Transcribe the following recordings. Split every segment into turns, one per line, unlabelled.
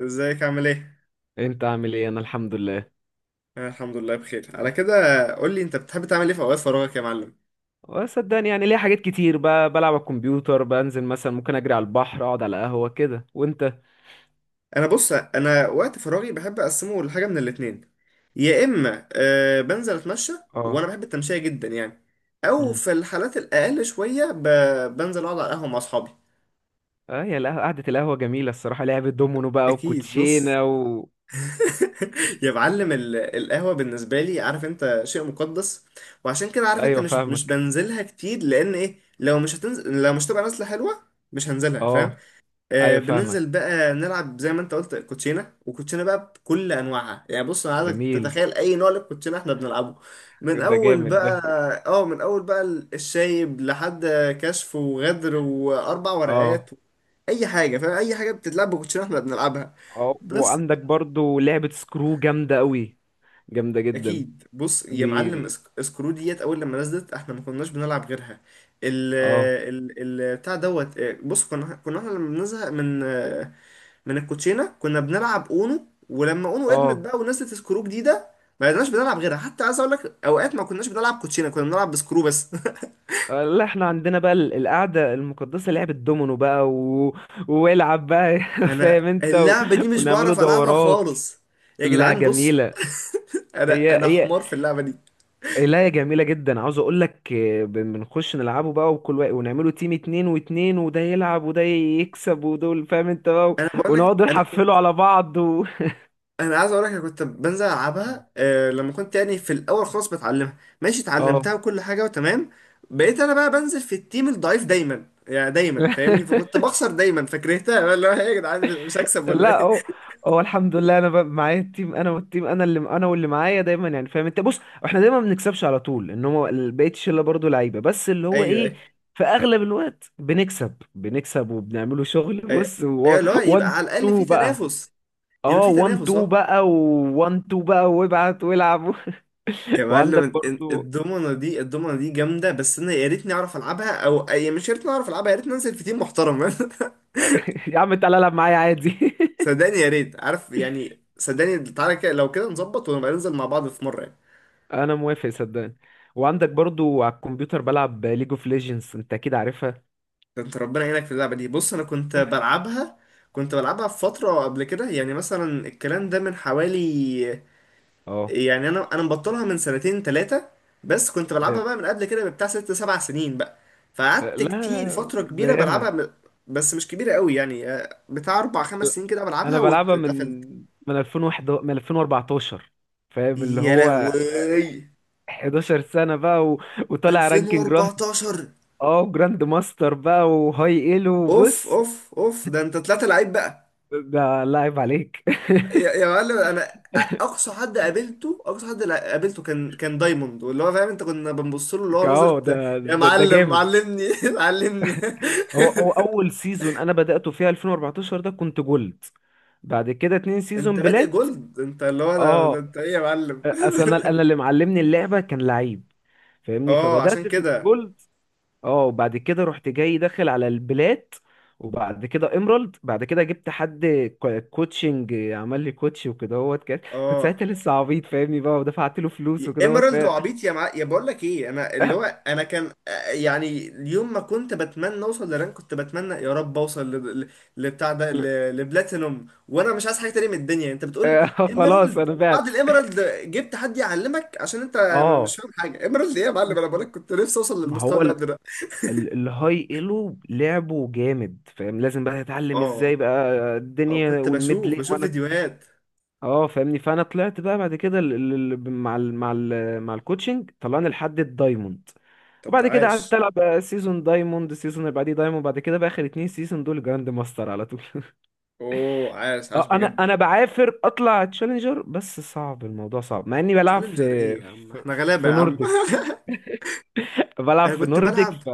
ازيك عامل ايه؟
انت عامل ايه؟ انا الحمد لله.
انا الحمد لله بخير على كده. قول لي انت بتحب تعمل ايه في اوقات فراغك يا معلم؟
وصدقني، يعني ليا حاجات كتير بلعب على الكمبيوتر، بنزل مثلا، ممكن اجري على البحر، اقعد على قهوة كده. وانت؟
انا بص، انا وقت فراغي بحب اقسمه لحاجه من الاتنين. يا اما أه بنزل اتمشى،
اه.
وانا بحب التمشيه جدا يعني، او
امم.
في الحالات الاقل شويه بنزل اقعد على القهوه مع اصحابي.
اه، يا القهوة، قعدة القهوة جميلة الصراحة، لعبة دومينو بقى
اكيد بص.
وكوتشينة و...
يا معلم القهوه بالنسبه لي، عارف انت، شيء مقدس. وعشان كده عارف انت
ايوه
مش
فاهمك.
بنزلها كتير، لان ايه، لو مش هتنزل، لو مش تبقى نازله حلوه مش هنزلها، فاهم؟
اه. ايوه فاهمك.
بننزل بقى نلعب زي ما انت قلت كوتشينه، وكوتشينه بقى بكل انواعها يعني. بص انا عايزك
جميل.
تتخيل اي نوع للكوتشينه احنا بنلعبه، من
ده
اول
جامد ده.
بقى. اه من اول بقى، الشايب لحد كشف وغدر واربع ورقات،
اه.
اي حاجه، فاهم؟ اي حاجه بتتلعب بكوتشينه احنا بنلعبها
اه،
بس.
وعندك برضو لعبة سكرو جامدة قوي، جامدة جدا.
اكيد بص يا
دي,
معلم،
دي.
سكرو ديت اول لما نزلت احنا ما كناش بنلعب غيرها. ال
اه.
ال ال بتاع دوت، بص كنا احنا لما بنزهق من من الكوتشينه كنا بنلعب اونو، ولما اونو ادمت
اه.
بقى ونزلت سكرو جديده ما بقيناش بنلعب غيرها. حتى عايز اقول لك اوقات ما كناش بنلعب كوتشينه، كنا بنلعب بسكرو بس.
لا، احنا عندنا بقى القعدة المقدسة لعبة دومينو بقى و... والعب بقى فاهم
انا
انت و...
اللعبه دي مش
ونعمله
بعرف العبها
دورات.
خالص يا
لا
جدعان. بص
جميلة.
انا
هي
انا
هي
حمار في اللعبه دي.
لا، هي جميلة جدا، عاوز اقول لك بنخش نلعبه بقى، وكل واحد، ونعمله تيم اتنين واتنين، وده يلعب وده يكسب ودول، فاهم انت بقى و...
انا بقول لك
ونقعد
انا كنت
نحفله على بعض و...
انا عايز اقول لك انا كنت بنزل العبها آه لما كنت يعني في الاول خالص بتعلمها. ماشي،
اه
اتعلمتها وكل حاجه وتمام، بقيت انا بقى بنزل في التيم الضعيف دايما يعني، دايما فاهمني، فكنت بخسر دايما فكرهتها. بقى اللي هو إيه يا جدعان، مش هكسب ولا
لا
ايه؟
هو، هو الحمد لله، انا معايا التيم، انا والتيم، انا اللي انا واللي معايا دايما، يعني فاهم انت. بص، احنا دايما ما بنكسبش على طول، ان هو بقيه الشله برضه لعيبه، بس اللي هو
ايوه
ايه،
ايوه
في اغلب الوقت بنكسب وبنعمله شغل.
ايوه،
بص،
أيوة، اللي هو يبقى
1
على الاقل في
2 بقى.
تنافس، يبقى
اه،
في
1
تنافس
2
اه.
بقى، و1 2 بقى، وابعت والعب
يا
وعندك
معلم
برضه
الضمنه دي جامده، بس انا يا ريتني اعرف العبها، او أي يعني مش يا ريتني اعرف العبها، يا ريتني انزل في تيم محترم.
يا عم، تعالى العب معايا عادي.
صدقني يا ريت، عارف يعني، صدقني تعالى كده، لو كده نظبط ونبقى ننزل مع بعض في مره يعني.
انا موافق، صدقني. وعندك برضه على الكمبيوتر بلعب ليج اوف ليجندز، انت اكيد عارفها.
ده انت ربنا يعينك في اللعبه دي. بص انا كنت بلعبها، كنت بلعبها في فتره قبل كده، يعني مثلا الكلام ده من حوالي،
اه.
يعني انا مبطلها من سنتين ثلاثه، بس كنت بلعبها بقى من قبل كده بتاع ست سبع سنين بقى. فقعدت
لا،
كتير، فتره
ده
كبيره
ياما.
بلعبها، بس مش كبيره قوي يعني، بتاع اربع خمس سنين كده
انا
بلعبها
بلعبها من
واتقفلت.
من 2001، من 2014، فاهم، اللي
يا
هو
لهوي.
11 سنة بقى و... وطالع رانكينج جراند.
2014.
اه، جراند ماستر بقى وهاي ايلو
اوف
وبص.
اوف اوف، ده انت طلعت لعيب بقى.
ده لاعب عليك.
يا يا معلم، انا اقصى حد قابلته، اقصى حد قابلته كان دايموند، واللي هو فاهم انت كنا بنبص له اللي هو
اه،
نظره. يا
ده
معلم
جامد.
علمني علمني.
هو هو اول سيزون انا بدأته فيها 2014 ده كنت جولد. بعد كده اتنين
انت
سيزون
بادئ
بلات.
جولد، انت اللي هو ده
اه.
انت ايه يا معلم؟
اصل انا أنا اللي معلمني اللعبة كان لعيب، فاهمني،
اه عشان
فبدأت في
كده.
الجولد. اه. وبعد كده رحت جاي داخل على البلات، وبعد كده ايمرالد، بعد كده جبت حد كوتشنج، عمل لي كوتش وكده، هوت كنت
اه
ساعتها لسه عبيط فاهمني بقى، ودفعت له فلوس وكده، هوت
ايمرالد وعبيط يا مع...، يا بقول لك ايه، انا اللي
آه،
هو انا كان، يعني اليوم ما كنت بتمنى اوصل لرانك، كنت بتمنى يا رب اوصل ل... ل... لبتاع ده ل... لبلاتينوم، وانا مش عايز حاجه تانية من الدنيا. انت بتقول
خلاص
ايمرالد،
انا
وبعد
بعت.
الايمرالد جبت حد يعلمك عشان انت مش
اه،
فاهم حاجه. ايمرالد ايه يا معلم؟ انا بقول لك كنت نفسي اوصل
ما
للمستوى
هو
اللي قبل ده.
الهاي ايلو لعبه جامد، فاهم، لازم بقى تتعلم
اه
ازاي بقى الدنيا
كنت بشوف
والميدل.
بشوف فيديوهات.
اه فاهمني، فانا طلعت بقى بعد كده، ال- ال- ال- مع ال مع ال مع الكوتشنج طلعني لحد الدايموند.
طب ده
وبعد كده قعدت
عاش.
العب بقى سيزون دايموند، سيزون اللي بعديه دايموند، بعد كده بقى اخر اتنين سيزون دول جراند ماستر على طول
اوه عاش عاش
اه، انا
بجد.
انا بعافر اطلع تشالنجر، بس صعب الموضوع، صعب، مع اني بلعب
تشالنجر ايه يا عم،
في,
احنا غلابة
في
يا عم.
نورديك، بلعب
انا
في
كنت
نورديك
بلعب.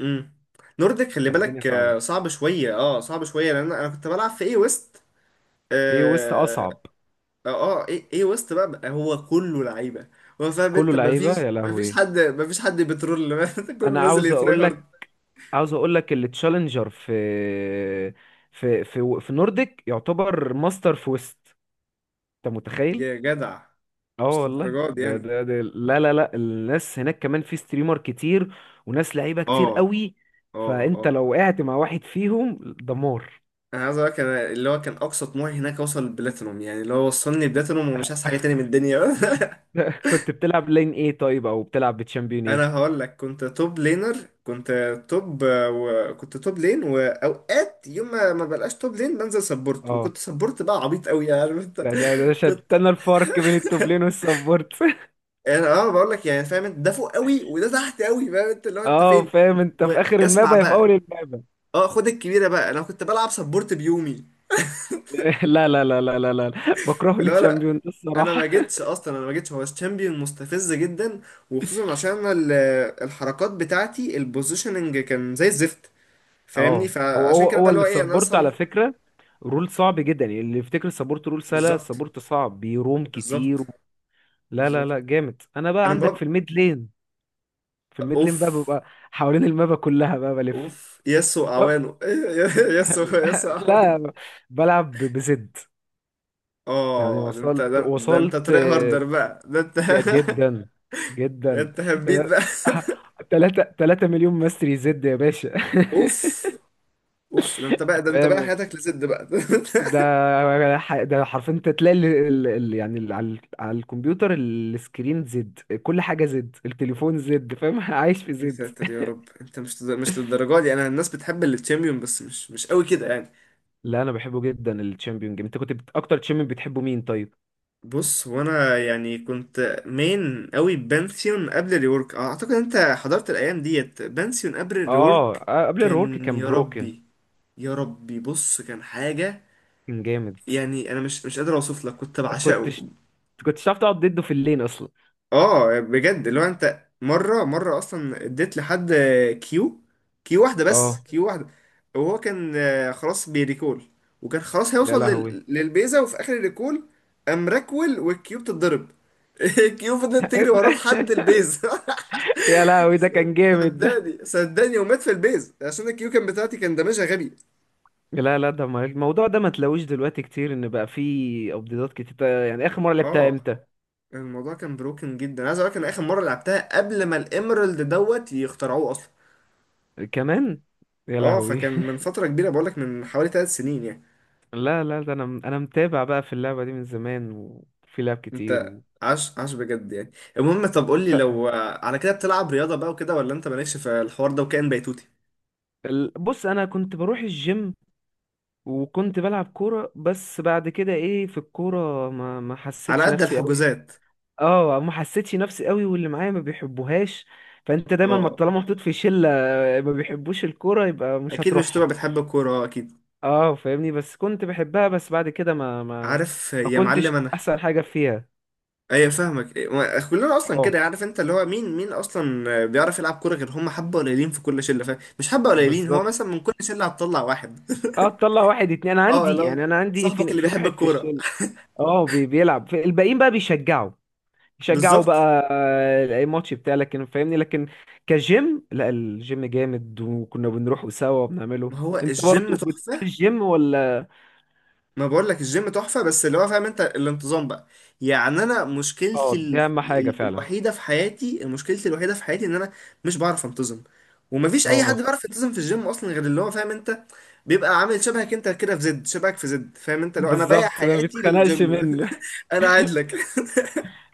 امم، نورديك، خلي
فالدنيا
بالك،
صعبه.
صعب شويه، اه صعب شويه لان انا كنت بلعب في اي ويست.
ايه ويست
اه.
اصعب.
اه، اي ويست بقى هو كله لعيبه، هو فاهم
كله
انت
لعيبه،
مفيش
يا
مفيش
لهوي.
حد مفيش حد بترول. كله
انا
نازل
عاوز
يتراي
اقول
هارد.
لك، عاوز اقول لك التشالنجر في نورديك يعتبر ماستر في ويست، انت متخيل؟
يا جدع،
اه
مش
والله،
للدرجه دي
ده
يعني.
ده ده لا لا لا، الناس هناك كمان في ستريمر كتير وناس لعيبه كتير
اه
قوي،
اه
فانت
اه،
لو وقعت مع واحد فيهم دمار.
انا عايز اقول لك انا اللي هو كان اقصى طموحي هناك اوصل البلاتينوم، يعني اللي هو وصلني بلاتينوم ومش عايز حاجه تاني من الدنيا.
كنت بتلعب لين ايه طيب؟ او بتلعب بتشامبيون ايه؟
انا هقول لك، كنت توب لينر، كنت توب، وكنت توب لين، واوقات يوم ما بلقاش توب لين بنزل سبورت،
اه،
وكنت سبورت بقى عبيط قوي يعني، عارف انت.
ده ده ده
كنت،
شتنا الفرق بين التوب لين والسبورت
يعني اه بقول لك يعني فاهم انت، ده فوق قوي وده تحت قوي، فاهم انت، اللي هو انت
اه،
فين.
فاهم انت، في اخر
واسمع
المابا يا في اول
بقى،
المابا.
اه خد الكبيره بقى، انا كنت بلعب سبورت بيومي.
لا لا لا لا لا لا، بكرهه
اللي هو لا،
للتشامبيون ده
انا
الصراحه.
ما جيتش اصلا، انا ما جيتش، هو الشامبيون مستفز جدا، وخصوصا عشان الحركات بتاعتي البوزيشننج كان زي الزفت، فاهمني،
اه، هو
فعشان
هو
كده بقى
هو
اللي هو ايه انا
السبورت
لسه.
على فكرة رول صعب جدا، يعني اللي يفتكر السبورت رول سهلة،
بالظبط
السبورت صعب، بيروم
بالظبط
كتير. لا لا لا
بالظبط.
جامد، انا بقى
انا
عندك في
بقى
الميد لين، في الميد
اوف،
لين بقى ببقى حوالين المابا كلها بقى بلف.
اوف ياسو
لا
اعوانه. ياسو ياسو اعوانه.
لا، بلعب بزد، يعني
اه ده انت
وصلت
ده انت
وصلت
تري هاردر بقى، ده انت.
يا جدا،
ده
جدا،
انت هبيت بقى.
3 مليون ماستري زد يا باشا
اوف. اوف، ده انت بقى، ده انت بقى
فاهم،
حياتك لزد بقى.
ده حرفيا انت تلاقي ال... ال... ال... يعني ال... على... على الكمبيوتر السكرين زد، كل حاجه زد، التليفون زد، فاهم عايش في
يا
زد.
ساتر يا رب، انت مش للدرجه دي. انا الناس بتحب التشامبيون، بس مش قوي كده يعني.
لا، انا بحبه جدا الشامبيون جيم، انت كنت اكتر تشامبيون بتحبه مين طيب؟
بص، وانا يعني كنت مين قوي، بانثيون قبل الريورك. اعتقد انت حضرت الايام ديت، بانثيون قبل
اه،
الريورك.
قبل الرورك
كان
كان
يا
بروكن،
ربي، يا ربي بص كان حاجة،
كان جامد.
يعني انا مش قادر اوصف لك كنت بعشقه.
كنتش كنتش تعرف تقعد ضده في اللين اصلا.
اه بجد، اللي هو انت مره اصلا اديت لحد كيو، كيو واحده بس،
اه،
كيو واحده. وهو كان خلاص بيريكول، وكان خلاص
يا
هيوصل
لهوي
للبيزا، وفي اخر الريكول قام راكول والكيو بتتضرب. الكيو فضلت تجري وراه لحد البيزا.
يا لهوي ده كان جامد ده.
صدقني صدقني، ومات في البيز عشان الكيو كان بتاعتي كان دمجها غبي.
لا لا، ده الموضوع ده ما تلاقوش دلوقتي كتير، ان بقى فيه ابديتات كتير، يعني اخر مره لعبتها
اه
امتى؟
الموضوع كان بروكن جدا، عايز اقول لك، انا اخر مره لعبتها قبل ما الاميرالد دوت يخترعوه اصلا.
كمان، يا
اه
لهوي
فكان من فترة كبيرة، بقولك من حوالي ثلاث سنين يعني.
لا لا، ده انا متابع بقى في اللعبة دي من زمان، وفي لعب كتير
انت
و...
عاش عاش بجد يعني. المهم، طب قولي،
ت-
لو على كده بتلعب رياضة بقى وكده، ولا انت مالكش في الحوار ده وكائن بيتوتي؟
بص انا كنت بروح الجيم وكنت بلعب كورة، بس بعد كده ايه، في الكورة ما
على
حسيتش
قد
نفسي قوي.
الحجوزات.
اه، ما حسيتش نفسي قوي، واللي معايا ما بيحبوهاش. فانت دايما، ما
اه،
طالما محطوط في شلة ما بيحبوش الكورة، يبقى مش
اكيد مش
هتروحها.
تبقى بتحب الكورة، اكيد.
اه فاهمني، بس كنت بحبها، بس بعد كده ما ما
عارف
ما
يا
كنتش
معلم انا،
احسن حاجة فيها.
ايوه فاهمك إيه، كلنا اصلا
اه،
كده، عارف انت اللي هو مين مين اصلا بيعرف يلعب كورة، غير هم حبة قليلين في كل شلة، فاهم؟ مش حبة قليلين، هو مثلا
بالظبط.
من كل شلة هتطلع واحد.
اه، تطلع واحد اتنين، انا
اه،
عندي
لو
يعني، انا عندي
صاحبك
في
اللي
في
بيحب
واحد في
الكورة.
الشله. اه، بيلعب الباقيين بقى بيشجعوا، بيشجعوا
بالظبط.
بقى اي ماتش بتاع، لكن فاهمني لكن كجيم، لا الجيم جامد وكنا بنروحوا سوا وبنعمله.
ما هو
انت برضه
الجيم
بتروح
تحفة.
الجيم ولا؟
ما بقول لك الجيم تحفة، بس اللي هو فاهم انت الانتظام بقى. يعني انا
اه،
مشكلتي
دي اهم حاجه فعلا.
الوحيدة في حياتي، مشكلتي الوحيدة في حياتي ان انا مش بعرف انتظم. ومفيش اي حد
اه،
بيعرف ينتظم في الجيم اصلا غير اللي هو فاهم انت بيبقى عامل شبهك انت كده في زد، شبهك في زد، فاهم انت، لو انا بايع
بالظبط، ما
حياتي للجيم.
بيتخنقش منه.
انا قاعد لك.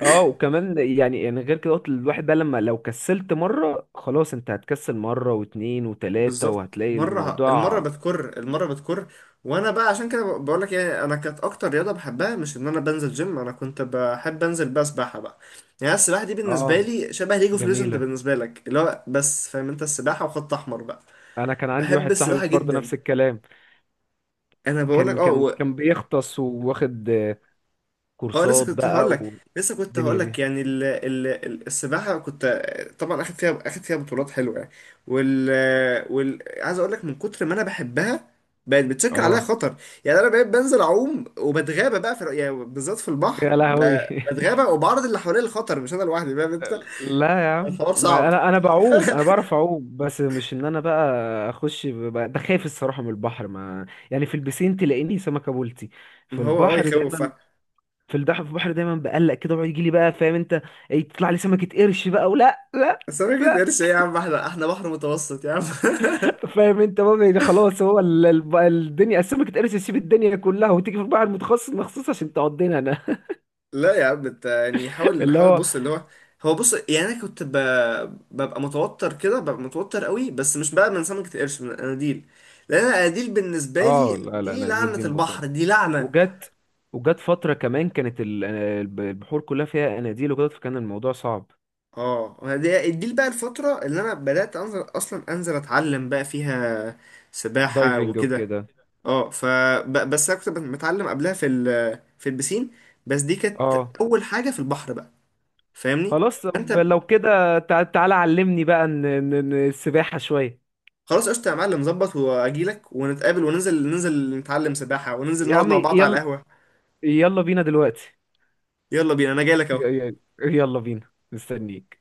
اه، وكمان يعني، غير كده قلت الواحد بقى، لما لو كسلت مره خلاص انت هتكسل مره واتنين وتلاته،
بالظبط،
وهتلاقي
مرة المرة
الموضوع.
بتكر، المرة بتكر. وانا بقى عشان كده بقول لك يعني، انا كانت اكتر رياضة بحبها مش ان انا بنزل جيم، انا كنت بحب انزل بقى سباحة بقى. يعني السباحة دي بالنسبة
اه
لي شبه ليج اوف ليجند
جميله.
بالنسبة لك، اللي هو بس فاهم انت السباحة وخط احمر بقى.
انا كان عندي
بحب
واحد صاحبي
السباحة
برضه
جدا.
نفس الكلام،
انا بقول لك اه.
كان بيغطس وواخد
اه لسه
كورسات
كنت
بقى
هقول لك، لسه كنت
والدنيا
هقول لك
دي.
يعني السباحه، كنت طبعا اخد فيها بطولات حلوه يعني. وال وال عايز اقول لك من كتر ما انا بحبها بقت بتشكل عليها
اه،
خطر. يعني انا بقيت بنزل اعوم وبتغابى بقى في يعني، بالذات في البحر،
يا لهوي
بتغابى وبعرض اللي حواليا للخطر، مش انا لوحدي، فاهم انت.
لا يا عم،
الحوار
ما
صعب.
انا بعوم، انا بعرف اعوم، بس مش ان انا بقى اخش بقى، ده خايف الصراحه من البحر، ما يعني في البسين تلاقيني سمكه بولتي،
ما
في
هو اه
البحر
يخوف
دايما،
فعلا.
في البحر دايما بقلق كده، ويجي لي بقى فاهم انت، تطلع لي سمكه قرش بقى ولا لا.
بس انا كده،
لا،
قرش ايه يا عم، احنا احنا بحر متوسط يا عم.
فاهم انت بقى، يعني خلاص هو الدنيا اسمك اتقرص يسيب الدنيا كلها وتيجي في البحر المتخصص مخصوص عشان تقضينا انا.
لا يا عم، انت يعني حاول
اللي
حاول،
هو
بص اللي هو، هو بص يعني انا كنت ببقى متوتر كده، ببقى متوتر قوي، بس مش بقى من سمكة القرش، من الاناديل، لان الاناديل بالنسبة لي
اه، لا لا،
دي
اناديل
لعنة
دي متعبه،
البحر، دي لعنة.
وجت وجت فتره كمان كانت البحور كلها فيها اناديل وكده، فكان الموضوع صعب،
اه، دي دي بقى الفترة اللي انا بدأت انزل اصلا انزل اتعلم بقى فيها سباحة
دايفنج
وكده.
وكده.
اه ف بس انا كنت متعلم قبلها في البسين، بس دي كانت
اه
اول حاجة في البحر بقى، فاهمني.
خلاص،
فانت
طب لو كده تعالى علمني بقى، السباحه شويه.
خلاص قشطة يا معلم، ظبط، واجيلك ونتقابل وننزل، ننزل نتعلم سباحة وننزل
يا
نقعد
عم
مع بعض على
يلا،
القهوة.
يلا بينا دلوقتي.
يلا بينا، انا جايلك
ي-
اهو.
ي- يلا بينا مستنيك.